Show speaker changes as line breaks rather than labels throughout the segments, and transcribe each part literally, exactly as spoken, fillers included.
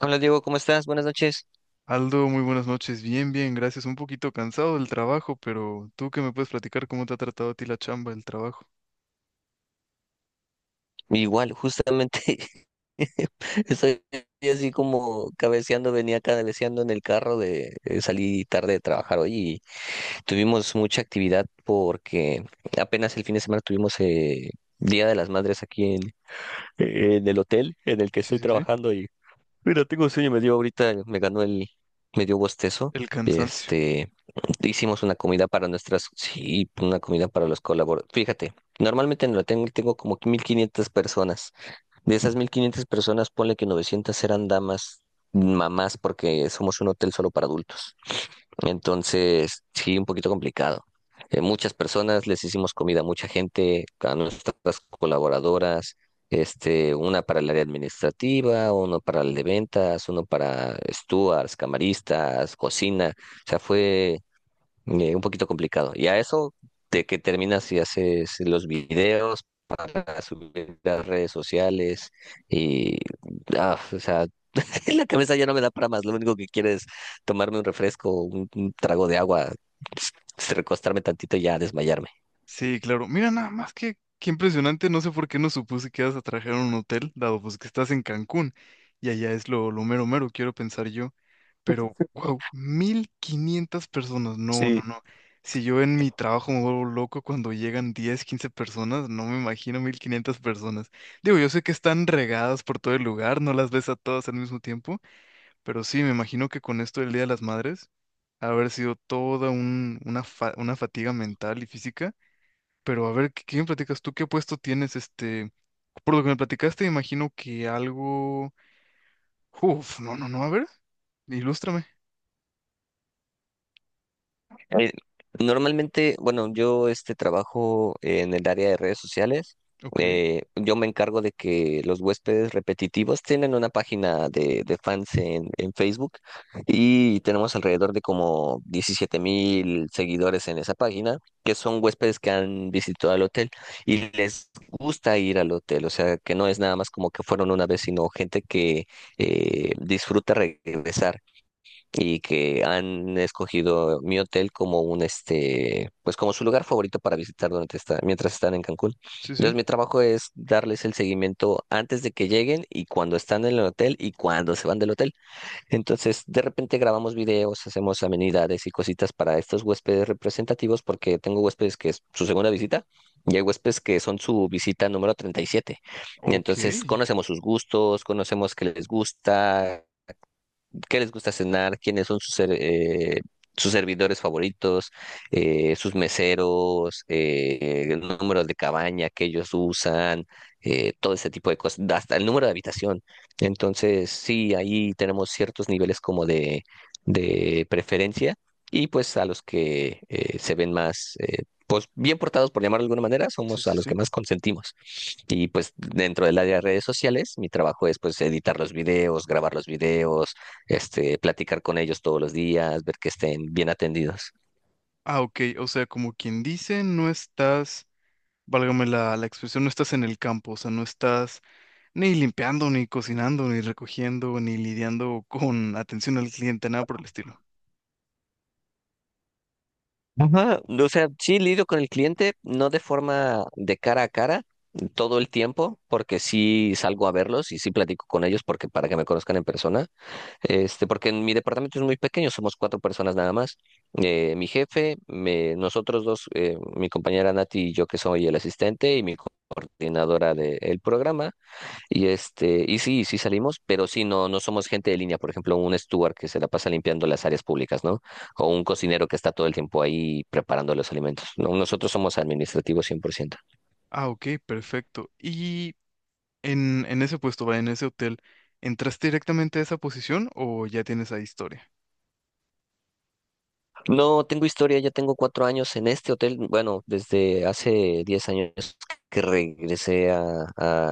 Hola Diego, ¿cómo estás? Buenas noches.
Aldo, muy buenas noches. Bien, bien, gracias. Un poquito cansado del trabajo, pero tú que me puedes platicar cómo te ha tratado a ti la chamba, el trabajo.
Igual, justamente estoy así como cabeceando, venía cabeceando en el carro de eh, salí tarde de trabajar hoy y tuvimos mucha actividad porque apenas el fin de semana tuvimos eh, Día de las Madres aquí en, en el hotel en el que
Sí,
estoy
sí, sí.
trabajando y. Mira, tengo sueño, me dio ahorita, me ganó el, me dio bostezo.
El cansancio.
Este, Hicimos una comida para nuestras, sí, una comida para los colaboradores. Fíjate, normalmente no la tengo, tengo como que mil quinientas personas. De esas mil quinientas personas, ponle que novecientas eran damas, mamás, porque somos un hotel solo para adultos. Entonces, sí, un poquito complicado. Eh, muchas personas, les hicimos comida a mucha gente, a nuestras colaboradoras, este, una para el área administrativa, uno para el de ventas, uno para stewards, camaristas, cocina. O sea, fue eh, un poquito complicado. Y a eso de que terminas y haces los videos para subir a las redes sociales y, ah, o sea, la cabeza ya no me da para más. Lo único que quiero es tomarme un refresco, un, un trago de agua, recostarme tantito y ya desmayarme.
Sí, claro. Mira, nada más que qué impresionante. No sé por qué no supuse que ibas a trabajar en un hotel, dado pues que estás en Cancún y allá es lo, lo mero mero, quiero pensar yo. Pero, wow, mil quinientas personas. No, no,
Sí.
no. Si yo en mi trabajo me vuelvo loco cuando llegan diez quince personas, no me imagino mil quinientas personas. Digo, yo sé que están regadas por todo el lugar, no las ves a todas al mismo tiempo, pero sí, me imagino que con esto del Día de las Madres, ha haber sido toda un- una, fa- una fatiga mental y física. Pero a ver, ¿qué, qué me platicas tú? ¿Qué puesto tienes? Este, por lo que me platicaste, imagino que algo... Uf, no, no, no, a ver, ilústrame.
Eh, Normalmente, bueno, yo este trabajo en el área de redes sociales.
Ok,
Eh, yo me encargo de que los huéspedes repetitivos tienen una página de, de fans en, en Facebook y tenemos alrededor de como diecisiete mil seguidores en esa página, que son huéspedes que han visitado el hotel y les gusta ir al hotel. O sea, que no es nada más como que fueron una vez, sino gente que eh, disfruta regresar y que han escogido mi hotel como un este, pues como su lugar favorito para visitar durante esta, mientras están en Cancún.
sí,
Entonces,
sí.
mi trabajo es darles el seguimiento antes de que lleguen y cuando están en el hotel y cuando se van del hotel. Entonces, de repente grabamos videos, hacemos amenidades y cositas para estos huéspedes representativos porque tengo huéspedes que es su segunda visita. Y hay huéspedes que son su visita número treinta y siete. Y siete. Y
Ok,
entonces
sí,
conocemos sus gustos, conocemos qué les gusta, qué les gusta cenar, quiénes son sus, ser- eh, sus servidores favoritos, eh, sus meseros, eh, el número de cabaña que ellos usan, eh, todo ese tipo de cosas, hasta el número de habitación. Entonces, sí, ahí tenemos ciertos niveles como de, de preferencia y pues a los que eh, se ven más, eh, pues bien portados, por llamarlo de alguna manera,
sí,
somos a los
sí.
que más consentimos. Y pues dentro del área de redes sociales, mi trabajo es pues editar los videos, grabar los videos, este, platicar con ellos todos los días, ver que estén bien atendidos.
Ah, ok, o sea, como quien dice, no estás, válgame la, la expresión, no estás en el campo, o sea, no estás ni limpiando, ni cocinando, ni recogiendo, ni lidiando con atención al cliente, nada por el estilo.
Ajá, o sea, sí lidio con el cliente, no de forma de cara a cara todo el tiempo, porque sí salgo a verlos y sí platico con ellos porque para que me conozcan en persona, Este, porque en mi departamento es muy pequeño, somos cuatro personas nada más. Eh, mi jefe, me- nosotros dos, eh, mi compañera Nati y yo que soy el asistente y mi coordinadora del programa. Y este, y sí, sí salimos, pero sí no, no somos gente de línea, por ejemplo, un steward que se la pasa limpiando las áreas públicas, ¿no? O un cocinero que está todo el tiempo ahí preparando los alimentos. No, nosotros somos administrativos cien por ciento.
Ah, ok, perfecto. ¿Y en, en ese puesto, va, en ese hotel, entraste directamente a esa posición o ya tienes ahí historia?
No tengo historia, ya tengo cuatro años en este hotel. Bueno, desde hace diez años que regresé a,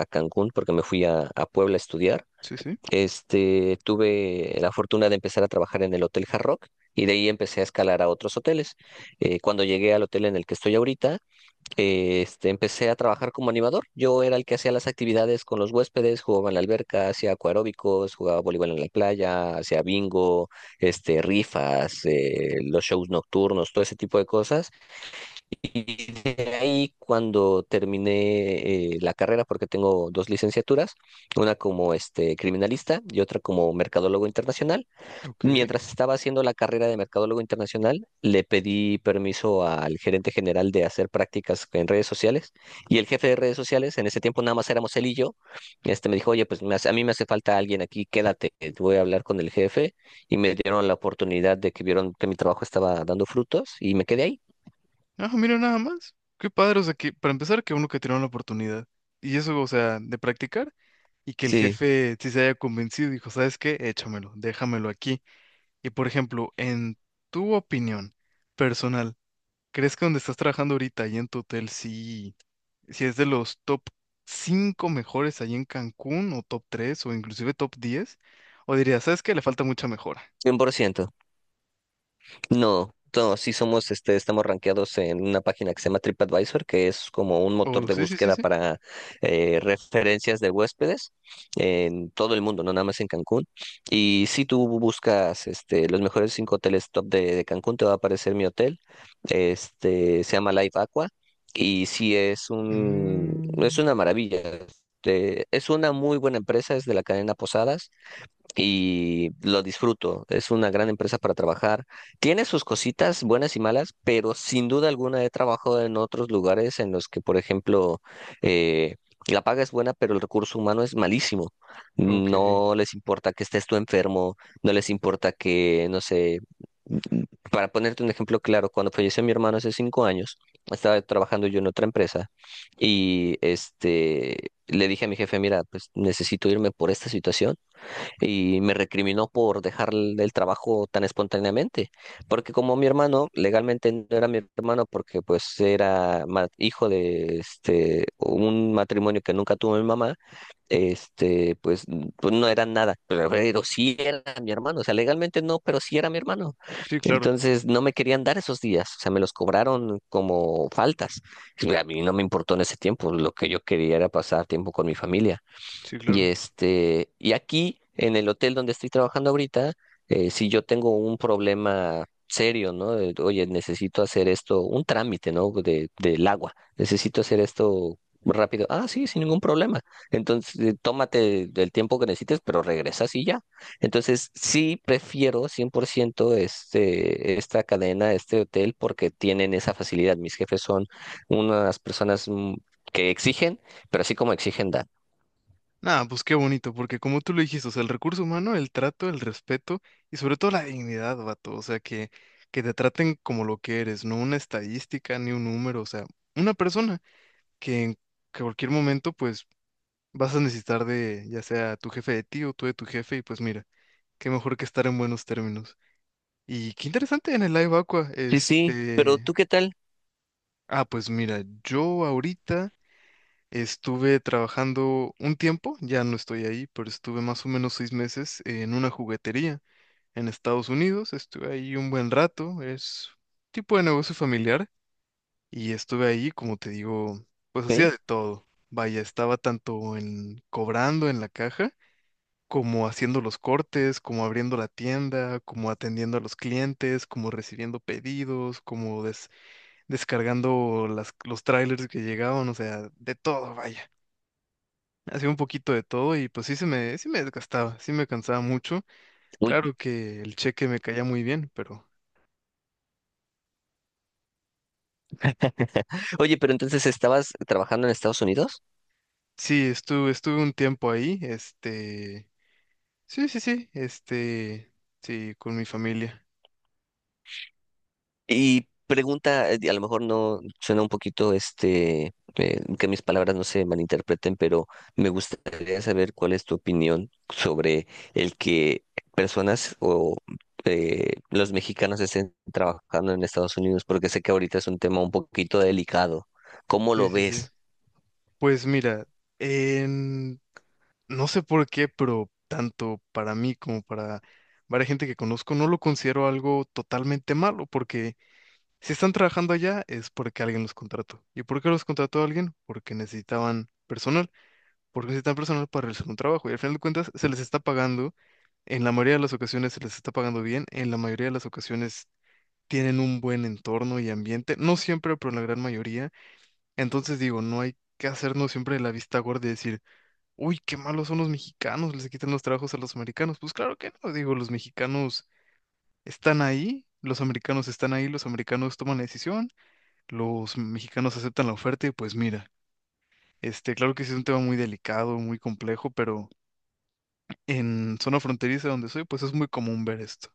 a Cancún porque me fui a, a Puebla a estudiar.
Sí, sí,
Este, tuve la fortuna de empezar a trabajar en el Hotel Hard Rock y de ahí empecé a escalar a otros hoteles. Eh, cuando llegué al hotel en el que estoy ahorita, eh, este, empecé a trabajar como animador. Yo era el que hacía las actividades con los huéspedes, jugaba en la alberca, hacía acuaróbicos, jugaba voleibol en la playa, hacía bingo, este, rifas, eh, los shows nocturnos, todo ese tipo de cosas. Y de ahí cuando terminé eh, la carrera, porque tengo dos licenciaturas, una como este, criminalista y otra como mercadólogo internacional.
ok.
Mientras estaba haciendo la carrera de mercadólogo internacional, le pedí permiso al gerente general de hacer prácticas en redes sociales y el jefe de redes sociales, en ese tiempo nada más éramos él y yo, este me dijo, oye, pues me hace- a mí me hace falta alguien aquí, quédate, eh, voy a hablar con el jefe y me dieron la oportunidad de que vieron que mi trabajo estaba dando frutos y me quedé ahí.
Ah, mira nada más. Qué padre, o sea, que para empezar, que uno que tiene la oportunidad. Y eso, o sea, de practicar. Y que el
Sí.
jefe sí se haya convencido, y dijo, ¿sabes qué? Échamelo, déjamelo aquí. Y por ejemplo, en tu opinión personal, ¿crees que donde estás trabajando ahorita, ahí en tu hotel, sí, sí es de los top cinco mejores ahí en Cancún, o top tres o inclusive top diez? ¿O dirías, ¿sabes qué? Le falta mucha mejora.
Cien por ciento. No, no, sí somos, este, estamos rankeados en una página que se llama TripAdvisor, que es como un motor
O
de
sí, sí, sí,
búsqueda
sí.
para eh, referencias de huéspedes en todo el mundo, no nada más en Cancún. Y si tú buscas este, los mejores cinco hoteles top de, de Cancún, te va a aparecer mi hotel, este, se llama Live Aqua, y sí es un,
Mm,
es una maravilla. Este, es una muy buena empresa, es de la cadena Posadas y lo disfruto. Es una gran empresa para trabajar. Tiene sus cositas buenas y malas, pero sin duda alguna he trabajado en otros lugares en los que, por ejemplo, eh, la paga es buena, pero el recurso humano es malísimo.
ok.
No les importa que estés tú enfermo, no les importa que, no sé, para ponerte un ejemplo claro, cuando falleció mi hermano hace cinco años, estaba trabajando yo en otra empresa y este le dije a mi jefe, mira, pues necesito irme por esta situación y me recriminó por dejar el el trabajo tan espontáneamente, porque como mi hermano, legalmente no era mi hermano porque pues era ma- hijo de este un matrimonio que nunca tuvo mi mamá, este pues, n- pues no era nada, pero, pero sí era mi hermano, o sea, legalmente no, pero sí era mi hermano.
Sí, claro,
Entonces no me querían dar esos días, o sea, me los cobraron como faltas. Y a mí no me importó en ese tiempo, lo que yo quería era pasar tiempo con mi familia.
sí,
Y
claro.
este, y aquí, en el hotel donde estoy trabajando ahorita, eh, si yo tengo un problema serio, ¿no? De, oye, necesito hacer esto, un trámite, ¿no? De, del agua, necesito hacer esto rápido. Ah, sí, sin ningún problema. Entonces, eh, tómate el tiempo que necesites, pero regresas y ya. Entonces, sí prefiero cien por ciento este, esta cadena, este hotel, porque tienen esa facilidad. Mis jefes son unas personas mm, que exigen, pero así como exigen, dan.
Nada, pues qué bonito, porque como tú lo dijiste, o sea, el recurso humano, el trato, el respeto y sobre todo la dignidad, vato, o sea, que, que te traten como lo que eres, no una estadística ni un número, o sea, una persona que en cualquier momento pues vas a necesitar de ya sea tu jefe de ti o tú de tu jefe y pues mira, qué mejor que estar en buenos términos. Y qué interesante en el Live Aqua,
Sí, sí, pero ¿tú
este...
qué tal?
Ah, pues mira, yo ahorita... Estuve trabajando un tiempo, ya no estoy ahí, pero estuve más o menos seis meses en una juguetería en Estados Unidos. Estuve ahí un buen rato, es tipo de negocio familiar y estuve ahí, como te digo, pues hacía
¿Ok?
de todo. Vaya, estaba tanto en cobrando en la caja, como haciendo los cortes, como abriendo la tienda, como atendiendo a los clientes, como recibiendo pedidos, como des- descargando las- los trailers que llegaban, o sea, de todo, vaya. Hacía un poquito de todo y pues sí se me, sí me desgastaba, sí me cansaba mucho.
Uy.
Claro que el cheque me caía muy bien, pero
Oye, pero entonces estabas trabajando en Estados Unidos
sí, estuve, estuve un tiempo ahí, este, sí, sí, sí, este, sí, con mi familia.
y pregunta, eh, a lo mejor no suena un poquito este, eh, que mis palabras no se malinterpreten, pero me gustaría saber cuál es tu opinión sobre el que personas o eh, los mexicanos estén trabajando en Estados Unidos, porque sé que ahorita es un tema un poquito delicado. ¿Cómo
Sí,
lo
sí, sí.
ves?
Pues mira, en- no sé por qué, pero tanto para mí como para varias gente que conozco, no lo considero algo totalmente malo, porque si están trabajando allá es porque alguien los contrató. ¿Y por qué los contrató alguien? Porque necesitaban personas. ¿Por qué es tan personal para realizar un trabajo? Y al final de cuentas se les está pagando, en la mayoría de las ocasiones se les está pagando bien, en la mayoría de las ocasiones tienen un buen entorno y ambiente, no siempre, pero en la gran mayoría. Entonces digo, no hay que hacernos siempre la vista gorda y decir, uy, qué malos son los mexicanos, les quitan los trabajos a los americanos. Pues claro que no, digo, los mexicanos están ahí, los americanos están ahí, los americanos toman la decisión, los mexicanos aceptan la oferta y pues mira. Este, claro que sí es un tema muy delicado, muy complejo, pero en zona fronteriza donde soy, pues es muy común ver esto.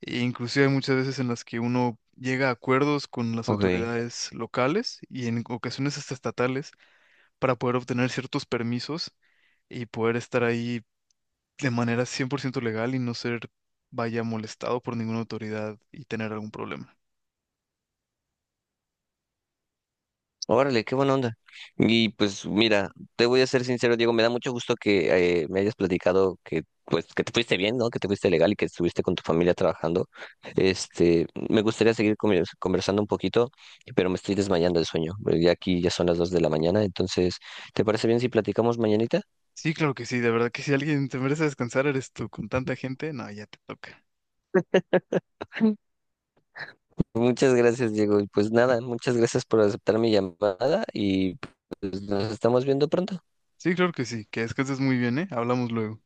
E inclusive hay muchas veces en las que uno llega a acuerdos con las
Ok.
autoridades locales y en ocasiones hasta estatales para poder obtener ciertos permisos y poder estar ahí de manera cien por ciento legal y no ser, vaya, molestado por ninguna autoridad y tener algún problema.
Órale, qué buena onda. Y pues mira, te voy a ser sincero, Diego, me da mucho gusto que eh, me hayas platicado que pues que te fuiste bien, ¿no? Que te fuiste legal y que estuviste con tu familia trabajando. Este, me gustaría seguir conver- conversando un poquito, pero me estoy desmayando de sueño. Pues, ya aquí ya son las dos de la mañana, entonces, ¿te parece bien si platicamos mañanita?
Sí, claro que sí, de verdad que si alguien te merece descansar, eres tú, con tanta gente, no, ya te toca.
Muchas gracias, Diego. Y pues nada, muchas gracias por aceptar mi llamada y pues nos estamos viendo pronto.
Sí, claro que sí, que descanses muy bien, ¿eh? Hablamos luego.